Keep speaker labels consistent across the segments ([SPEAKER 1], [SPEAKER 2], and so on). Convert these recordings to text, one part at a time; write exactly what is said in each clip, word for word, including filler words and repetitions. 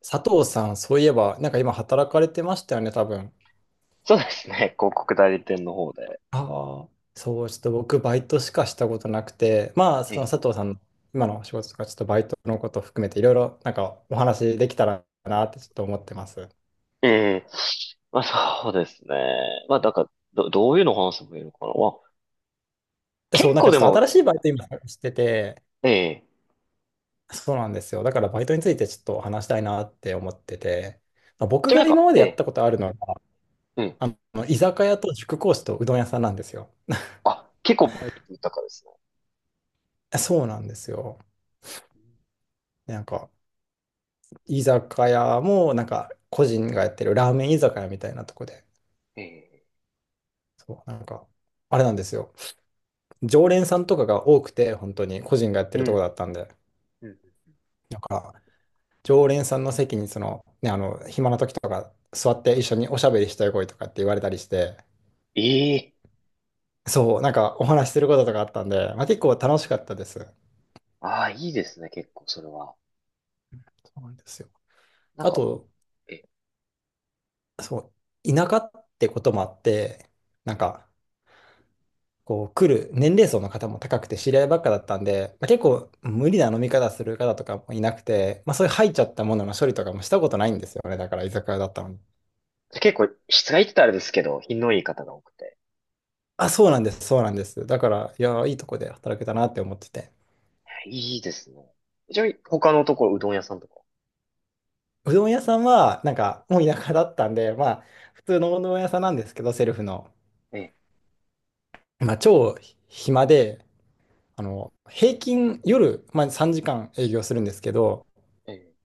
[SPEAKER 1] 佐藤さん、そういえば、なんか今働かれてましたよね、多分。
[SPEAKER 2] そうですね。広告代理店の方で。
[SPEAKER 1] ああ、そう、ちょっと僕、バイトしかしたことなくて、まあ、
[SPEAKER 2] え
[SPEAKER 1] その
[SPEAKER 2] え。
[SPEAKER 1] 佐藤さんの今のお仕事とか、ちょっとバイトのことを含めて、いろいろなんかお話できたらなってちょっと思ってます。
[SPEAKER 2] えまあそうですね。まあだから、ど、どういうのを話せばいいのかな。まあ、
[SPEAKER 1] で、そう、
[SPEAKER 2] 結
[SPEAKER 1] なん
[SPEAKER 2] 構
[SPEAKER 1] か
[SPEAKER 2] で
[SPEAKER 1] ちょっと新
[SPEAKER 2] も、
[SPEAKER 1] しいバイト今探してて、
[SPEAKER 2] ええ。
[SPEAKER 1] そうなんですよ。だからバイトについてちょっと話したいなって思ってて、まあ、僕
[SPEAKER 2] じゃな
[SPEAKER 1] が
[SPEAKER 2] ん
[SPEAKER 1] 今
[SPEAKER 2] か、
[SPEAKER 1] まで
[SPEAKER 2] え
[SPEAKER 1] やっ
[SPEAKER 2] え。
[SPEAKER 1] たことあるのは、
[SPEAKER 2] うん。
[SPEAKER 1] あの、居酒屋と塾講師とうどん屋さんなんですよ。
[SPEAKER 2] あ、結構豊かですね。
[SPEAKER 1] そうなんですよ。なんか、居酒屋も、なんか、個人がやってるラーメン居酒屋みたいなとこで、
[SPEAKER 2] え
[SPEAKER 1] そう、なんか、あれなんですよ。常連さんとかが多くて、本当に個人がやって
[SPEAKER 2] え。う
[SPEAKER 1] るとこだ
[SPEAKER 2] ん。
[SPEAKER 1] ったんで、
[SPEAKER 2] うん。
[SPEAKER 1] なんか、常連さんの席に、その、ね、あの、暇な時とか、座って一緒におしゃべりしたい声とかって言われたりして、
[SPEAKER 2] ええ。
[SPEAKER 1] そう、なんかお話しすることとかあったんで、まあ、結構楽しかったです。
[SPEAKER 2] ああ、いいですね。結構それは。
[SPEAKER 1] そうなんですよ。
[SPEAKER 2] なん
[SPEAKER 1] あ
[SPEAKER 2] か、
[SPEAKER 1] と、
[SPEAKER 2] ええ。
[SPEAKER 1] そう、田舎ってこともあって、なんか、こう来る年齢層の方も高くて知り合いばっかだったんで、まあ、結構無理な飲み方する方とかもいなくて、まあ、そういう入っちゃったものの処理とかもしたことないんですよね。だから居酒屋だったのに。
[SPEAKER 2] 結構、質がいいって言ったらあれですけど、品のいい方が多くて。
[SPEAKER 1] あ、そうなんです、そうなんです。だから、いや、いいとこで働けたなって思ってて。
[SPEAKER 2] いいですね。ちなみに、他のところ、うどん屋さんとか。
[SPEAKER 1] うどん屋さんは、なんか、もう田舎だったんで、まあ、普通のうどん屋さんなんですけど、セルフの。
[SPEAKER 2] ええ。
[SPEAKER 1] まあ、超暇で、あの、平均夜、まあ、さんじかん営業するんですけど、
[SPEAKER 2] ええ。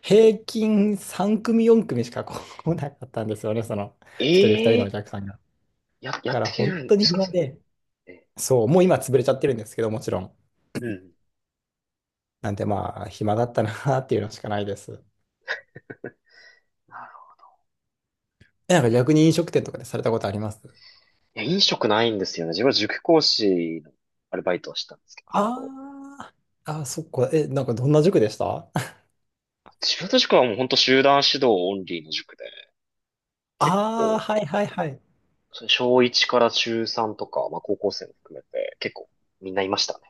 [SPEAKER 1] 平均さん組よん組しか来なかったんですよね、その
[SPEAKER 2] え
[SPEAKER 1] 一人二人のお
[SPEAKER 2] え、
[SPEAKER 1] 客さんが。
[SPEAKER 2] や、や
[SPEAKER 1] だ
[SPEAKER 2] っ
[SPEAKER 1] か
[SPEAKER 2] て
[SPEAKER 1] ら
[SPEAKER 2] くれ
[SPEAKER 1] 本
[SPEAKER 2] るん
[SPEAKER 1] 当
[SPEAKER 2] で
[SPEAKER 1] に
[SPEAKER 2] すか、
[SPEAKER 1] 暇
[SPEAKER 2] それ。
[SPEAKER 1] で、
[SPEAKER 2] ええ。
[SPEAKER 1] そう、もう今潰れちゃってるんですけど、もちろん。
[SPEAKER 2] うん。
[SPEAKER 1] なんでまあ、暇だったなっていうのしかないです。
[SPEAKER 2] なるほ
[SPEAKER 1] え、なんか逆に飲食店とかでされたことあります？
[SPEAKER 2] ど。いや、飲食ないんですよね。自分は塾講師のアルバイトをしてたんですけど、ずっと、
[SPEAKER 1] あーあー、そっか。え、なんかどんな塾でした？
[SPEAKER 2] 自分の塾はもう本当集団指導オンリーの塾で、結
[SPEAKER 1] ああ
[SPEAKER 2] 構、
[SPEAKER 1] ー、はいはいはい。
[SPEAKER 2] それ小いちから中さんとか、まあ高校生も含めて、結構みんないましたね。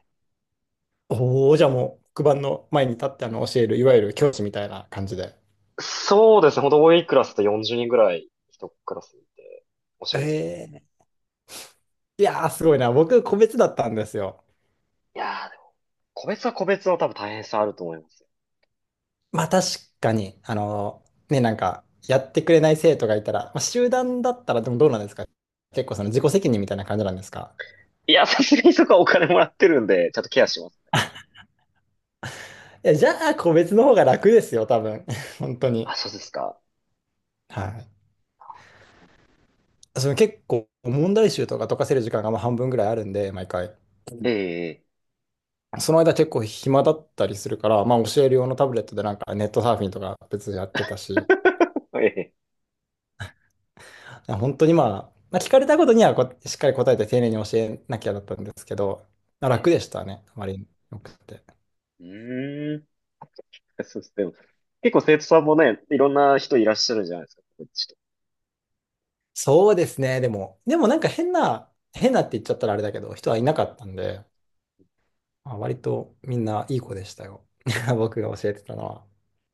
[SPEAKER 1] おお、じゃあもう黒板の前に立ってあの教える、いわゆる教師みたいな感じで。
[SPEAKER 2] そうですね。本当多いクラスとよんじゅうにんぐらい一クラスにいて教えるみたいな。
[SPEAKER 1] ええ、いやー、すごいな。僕、個別だったんですよ。
[SPEAKER 2] いやーでも、個別は個別の多分大変さあると思いますよ。
[SPEAKER 1] まあ確かに、あの、ね、なんか、やってくれない生徒がいたら、まあ、集団だったらでもどうなんですか？結構その自己責任みたいな感じなんですか？
[SPEAKER 2] いや、さすがにそこはお金もらってるんで、ちゃんとケアします。
[SPEAKER 1] いや、じゃあ個別の方が楽ですよ、多分。本当に。
[SPEAKER 2] あ、そうですか。
[SPEAKER 1] はい。その結構問題集とか解かせる時間がまあ半分ぐらいあるんで、毎回。
[SPEAKER 2] ええ、
[SPEAKER 1] その間結構暇だったりするから、まあ教える用のタブレットでなんかネットサーフィンとか別にやってたし、
[SPEAKER 2] ええ、ええ、
[SPEAKER 1] 本当にまあ、まあ、聞かれたことにはこうしっかり答えて丁寧に教えなきゃだったんですけど、まあ
[SPEAKER 2] え
[SPEAKER 1] 楽
[SPEAKER 2] え、
[SPEAKER 1] でしたね、あまりによくて。
[SPEAKER 2] うーん。そうです。でも、結構生徒さんもね、いろんな人いらっしゃるじゃないですか。こっちと。
[SPEAKER 1] そうですね。でも、でもなんか変な、変なって言っちゃったらあれだけど、人はいなかったんで、まあ、割とみんないい子でしたよ。僕が教えてたのは。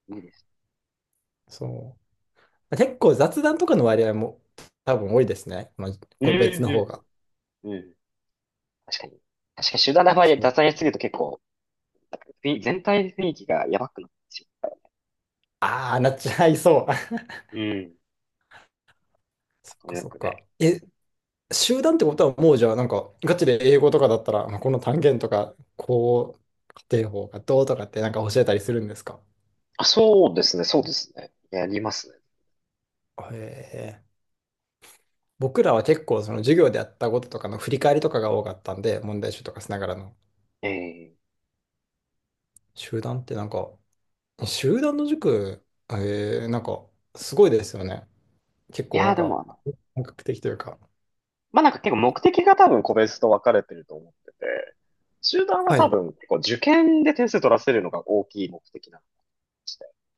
[SPEAKER 2] いいです。
[SPEAKER 1] そう。結構雑談とかの割合も多分多いですね。まあ、
[SPEAKER 2] うん、
[SPEAKER 1] 個別の方が。
[SPEAKER 2] うんうん。確かに。確かに集団の場合、
[SPEAKER 1] そう。
[SPEAKER 2] 雑談やりすぎると結構、雰囲全体の雰囲気がやばくなってし、
[SPEAKER 1] ああ、なっちゃいそう。
[SPEAKER 2] ん、うん。
[SPEAKER 1] そ
[SPEAKER 2] ま
[SPEAKER 1] っ
[SPEAKER 2] うん。ニ
[SPEAKER 1] か
[SPEAKER 2] ューヨー
[SPEAKER 1] そっ
[SPEAKER 2] クで。
[SPEAKER 1] か。え、集団ってことはもうじゃあなんかガチで英語とかだったら、まあ、この単元とか、こう、家庭法がどうとかってなんか教えたりするんですか？
[SPEAKER 2] あ、そうですね、そうですね。やりますね。
[SPEAKER 1] へえ。僕らは結構その授業でやったこととかの振り返りとかが多かったんで、問題集とかしながらの。
[SPEAKER 2] ええ。
[SPEAKER 1] 集団ってなんか、集団の塾、えー、なんか、すごいですよね。結
[SPEAKER 2] い
[SPEAKER 1] 構
[SPEAKER 2] や
[SPEAKER 1] な
[SPEAKER 2] ー、
[SPEAKER 1] ん
[SPEAKER 2] でも
[SPEAKER 1] か、
[SPEAKER 2] あの、
[SPEAKER 1] 本格的というか。
[SPEAKER 2] まあ、なんか結構目的が多分個別と分かれてると思ってて、集団は
[SPEAKER 1] は
[SPEAKER 2] 多
[SPEAKER 1] い。
[SPEAKER 2] 分結構受験で点数取らせるのが大きい目的なの。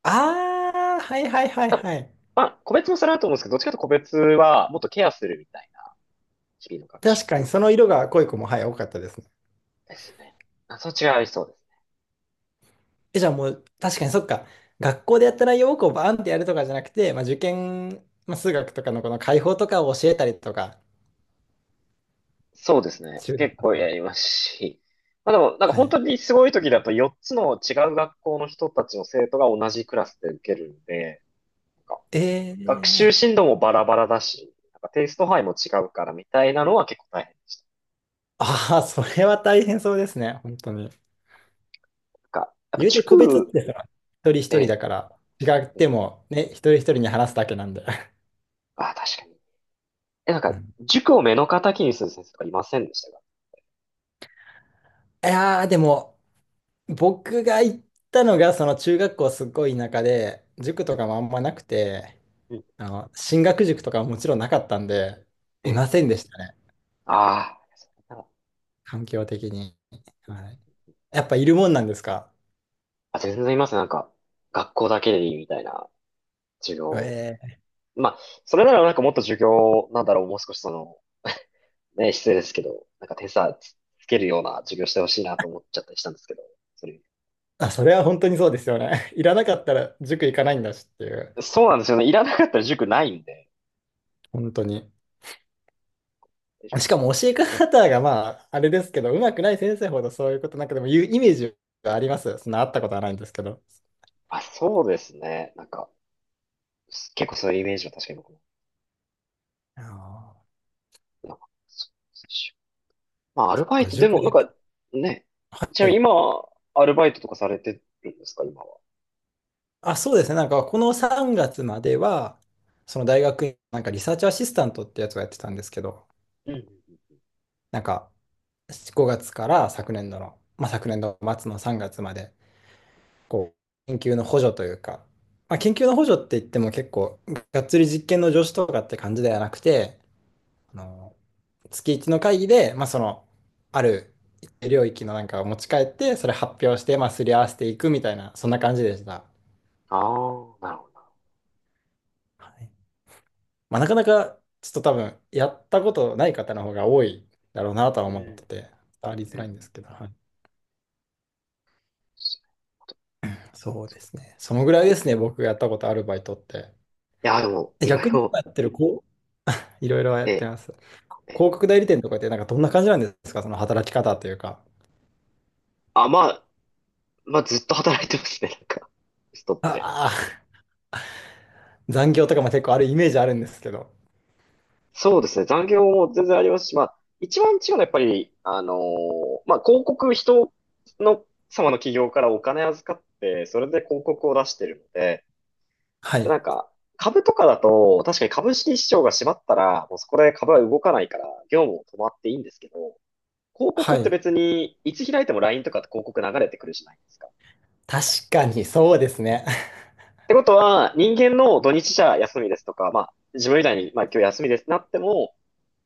[SPEAKER 1] ああ、はいはいはい
[SPEAKER 2] あ、
[SPEAKER 1] はい。
[SPEAKER 2] まあ、個別もそれあると思うんですけど、どっちかというと個別はもっとケアするみたいな、日々の学習
[SPEAKER 1] 確かにその色が濃い子も、はい、多かったですね。
[SPEAKER 2] ですね。あ、そっちがありそうです。
[SPEAKER 1] え、じゃあもう、確かにそっか。学校でやった内容をこうバーンってやるとかじゃなくて、まあ、受験、まあ、数学とかのこの解法とかを教えたりとか、
[SPEAKER 2] そうですね。
[SPEAKER 1] 集団
[SPEAKER 2] 結
[SPEAKER 1] だっ
[SPEAKER 2] 構
[SPEAKER 1] た
[SPEAKER 2] や
[SPEAKER 1] ら。
[SPEAKER 2] りますし。まあでも、なんか
[SPEAKER 1] は
[SPEAKER 2] 本
[SPEAKER 1] い。
[SPEAKER 2] 当にすごい時だとよっつの違う学校の人たちの生徒が同じクラスで受けるんで、なんか
[SPEAKER 1] え
[SPEAKER 2] 学習
[SPEAKER 1] ー
[SPEAKER 2] 進度もバラバラだし、なんかテイスト範囲も違うからみたいなのは結構大変。
[SPEAKER 1] ああ、それは大変そうですね、本当に。
[SPEAKER 2] なんか、やっぱ
[SPEAKER 1] 言うて個別っ
[SPEAKER 2] 塾、
[SPEAKER 1] てさ、一人一
[SPEAKER 2] え
[SPEAKER 1] 人だ
[SPEAKER 2] え、
[SPEAKER 1] から、違っ
[SPEAKER 2] ええ、
[SPEAKER 1] てもね、一人一人に話すだけなんで。
[SPEAKER 2] あ、確かに。え、なん
[SPEAKER 1] う
[SPEAKER 2] か、
[SPEAKER 1] ん、
[SPEAKER 2] 塾を目の敵にする先生とかいませんでしたか？
[SPEAKER 1] いやー、でも、僕が行ったのが、その中学校すごい田舎で、塾とかもあんまなくて、
[SPEAKER 2] うん。
[SPEAKER 1] あの、進学塾とかはもちろんなかったんで、
[SPEAKER 2] え
[SPEAKER 1] いま
[SPEAKER 2] え、
[SPEAKER 1] せんでしたね、
[SPEAKER 2] ああ。
[SPEAKER 1] 環境的に。はい、やっぱいるもんなんですか？
[SPEAKER 2] あ、全然います。なんか、学校だけでいいみたいな授業。
[SPEAKER 1] ええ、
[SPEAKER 2] まあ、それならなんかもっと授業、なんだろう、もう少しその、ね、失礼ですけど、なんか手差つ、つけるような授業してほしいなと思っちゃったりしたんですけど、それ。
[SPEAKER 1] あ、それは本当にそうですよね。いらなかったら塾行かないんだしっていう、
[SPEAKER 2] そうなんですよね。いらなかったら塾ないんで。
[SPEAKER 1] 本当に。しかも教え方がまあ、あれですけど、上手くない先生ほどそういうことなんかでも言うイメージがあります。そんなあったことはないんですけど。
[SPEAKER 2] あ、そうですね。なんか、結構そういうイメージは確かに僕も。
[SPEAKER 1] あ
[SPEAKER 2] なんかそうですし、まあ、アルバイ
[SPEAKER 1] あ、
[SPEAKER 2] ト、で
[SPEAKER 1] 塾
[SPEAKER 2] も
[SPEAKER 1] だ
[SPEAKER 2] なんか、
[SPEAKER 1] け。
[SPEAKER 2] ね、
[SPEAKER 1] は
[SPEAKER 2] ちなみに
[SPEAKER 1] い。
[SPEAKER 2] 今、アルバイトとかされてるんですか、今は。
[SPEAKER 1] あ、そうですね。なんかこのさんがつまでは、その大学院、なんかリサーチアシスタントってやつをやってたんですけど、
[SPEAKER 2] うん。
[SPEAKER 1] なんかごがつから昨年度の、まあ昨年度末のさんがつまで、こう、研究の補助というか、まあ研究の補助って言っても結構、がっつり実験の助手とかって感じではなくて、あの、月いちの会議で、まあ、その、ある一定領域のなんかを持ち帰って、それ発表して、まあ、すり合わせていくみたいな、そんな感じでした。
[SPEAKER 2] ああ、なるほどな。
[SPEAKER 1] はい。まあ、なかなか、ちょっと多分、やったことない方の方が多いだろうなとは
[SPEAKER 2] う
[SPEAKER 1] 思っ
[SPEAKER 2] ん。
[SPEAKER 1] てて、伝わり
[SPEAKER 2] う
[SPEAKER 1] づ
[SPEAKER 2] んう
[SPEAKER 1] ら
[SPEAKER 2] ん。
[SPEAKER 1] いんですけど、はい。そうですね。そのぐらいですね、僕がやったことあるバイトって。
[SPEAKER 2] いや、でも、
[SPEAKER 1] え、
[SPEAKER 2] いろい
[SPEAKER 1] 逆に今
[SPEAKER 2] ろ、
[SPEAKER 1] やってる、こう、いろいろやって
[SPEAKER 2] え、
[SPEAKER 1] ます。広
[SPEAKER 2] え、
[SPEAKER 1] 告代理店とかって、なんかどんな感じなんですか、その働き方というか。
[SPEAKER 2] あ、まあ、まあ、ずっと働いてますね、なんか、ストップで。
[SPEAKER 1] ああ、残業とかも結構あるイメージあるんですけど。
[SPEAKER 2] そうですね、残業も全然ありますし、まあ、一番違うのはやっぱり、あのーまあ、広告、人の、様の企業からお金預かって、それで広告を出してるので、
[SPEAKER 1] は
[SPEAKER 2] でな
[SPEAKER 1] い。
[SPEAKER 2] んか、株とかだと、確かに株式市場が閉まったら、もうそこで株は動かないから、業務も止まっていいんですけど、広告
[SPEAKER 1] は
[SPEAKER 2] って
[SPEAKER 1] い。
[SPEAKER 2] 別に、いつ開いても ライン とかって広告流れてくるじゃないですか。
[SPEAKER 1] 確かに、そうですね。
[SPEAKER 2] ってことは、人間の土日じゃ休みですとか、まあ、自分みたいに、まあ、今日休みですってなっても、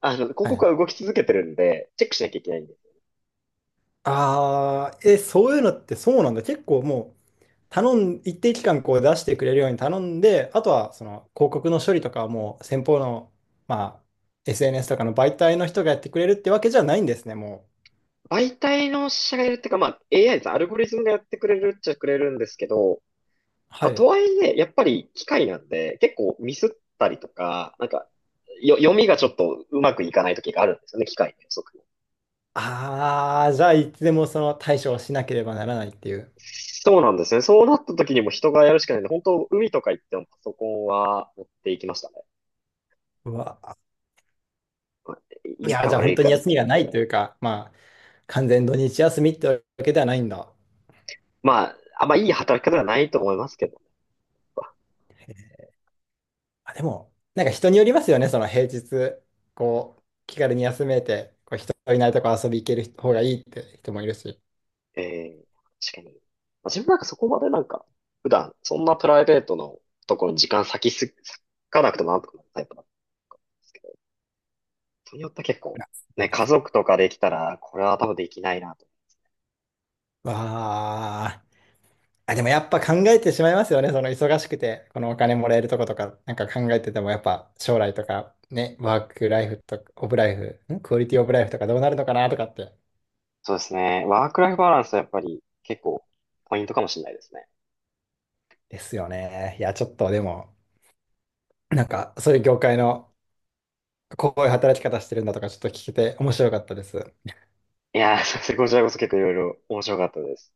[SPEAKER 2] あの、広
[SPEAKER 1] は
[SPEAKER 2] 告
[SPEAKER 1] い。
[SPEAKER 2] は動き続けてるんで、チェックしなきゃいけないんです。
[SPEAKER 1] ああ、え、そういうのってそうなんだ。結構もう、頼ん、一定期間こう出してくれるように頼んで、あとはその広告の処理とかはもう先方の、まあ、エスエヌエス とかの媒体の人がやってくれるってわけじゃないんですね、もう。
[SPEAKER 2] 媒体の社がいるっていうか、まあ、エーアイ です。アルゴリズムがやってくれるっちゃくれるんですけど、
[SPEAKER 1] は
[SPEAKER 2] まあ、と
[SPEAKER 1] い。
[SPEAKER 2] はいえ、やっぱり機械なんで、結構ミスったりとか、なんか、よ、読みがちょっとうまくいかない時があるんですよね、機械の予測も。
[SPEAKER 1] ああ、じゃあいつでもその対処をしなければならないっていう。
[SPEAKER 2] そうなんですね。そうなった時にも人がやるしかないんで、本当海とか行ってもパソコンは持っていきましたね。
[SPEAKER 1] うわ、
[SPEAKER 2] まあ、
[SPEAKER 1] い
[SPEAKER 2] いい
[SPEAKER 1] や、
[SPEAKER 2] か
[SPEAKER 1] じゃあ
[SPEAKER 2] 悪
[SPEAKER 1] 本
[SPEAKER 2] い
[SPEAKER 1] 当に
[SPEAKER 2] かで、
[SPEAKER 1] 休みがないというか、まあ、完全土日休みってわけではないんだ。
[SPEAKER 2] まあ、あんまいい働き方ではないと思いますけど、
[SPEAKER 1] あ、でも、なんか人によりますよね、その平日、こう、気軽に休めて、こう人いないとこ遊び行ける方がいいって人もいるし。
[SPEAKER 2] ええ、確かに。まあ自分なんかそこまでなんか、普段、そんなプライベートのところに時間割きす、割かなくてもなんとかなるタイプなんですけど、人によって結構、
[SPEAKER 1] あ、すごい
[SPEAKER 2] ね、
[SPEAKER 1] で
[SPEAKER 2] 家
[SPEAKER 1] すね。
[SPEAKER 2] 族とかできたら、これは多分できないなと。
[SPEAKER 1] わあ。あ、でもやっぱ考えてしまいますよね、その忙しくて、このお金もらえるとことか、なんか考えてても、やっぱ将来とか、ね、ワークライフとか、オブライフ、んクオリティオブライフとかどうなるのかなとかって。
[SPEAKER 2] そうですね。ワークライフバランスはやっぱり結構、ポイントかもしれないですね。
[SPEAKER 1] ですよね。いや、ちょっとでも、なんか、そういう業界のこういう働き方してるんだとか、ちょっと聞けて面白かったです。
[SPEAKER 2] いやー、すいません、こちらこそ結構いろいろ面白かったです。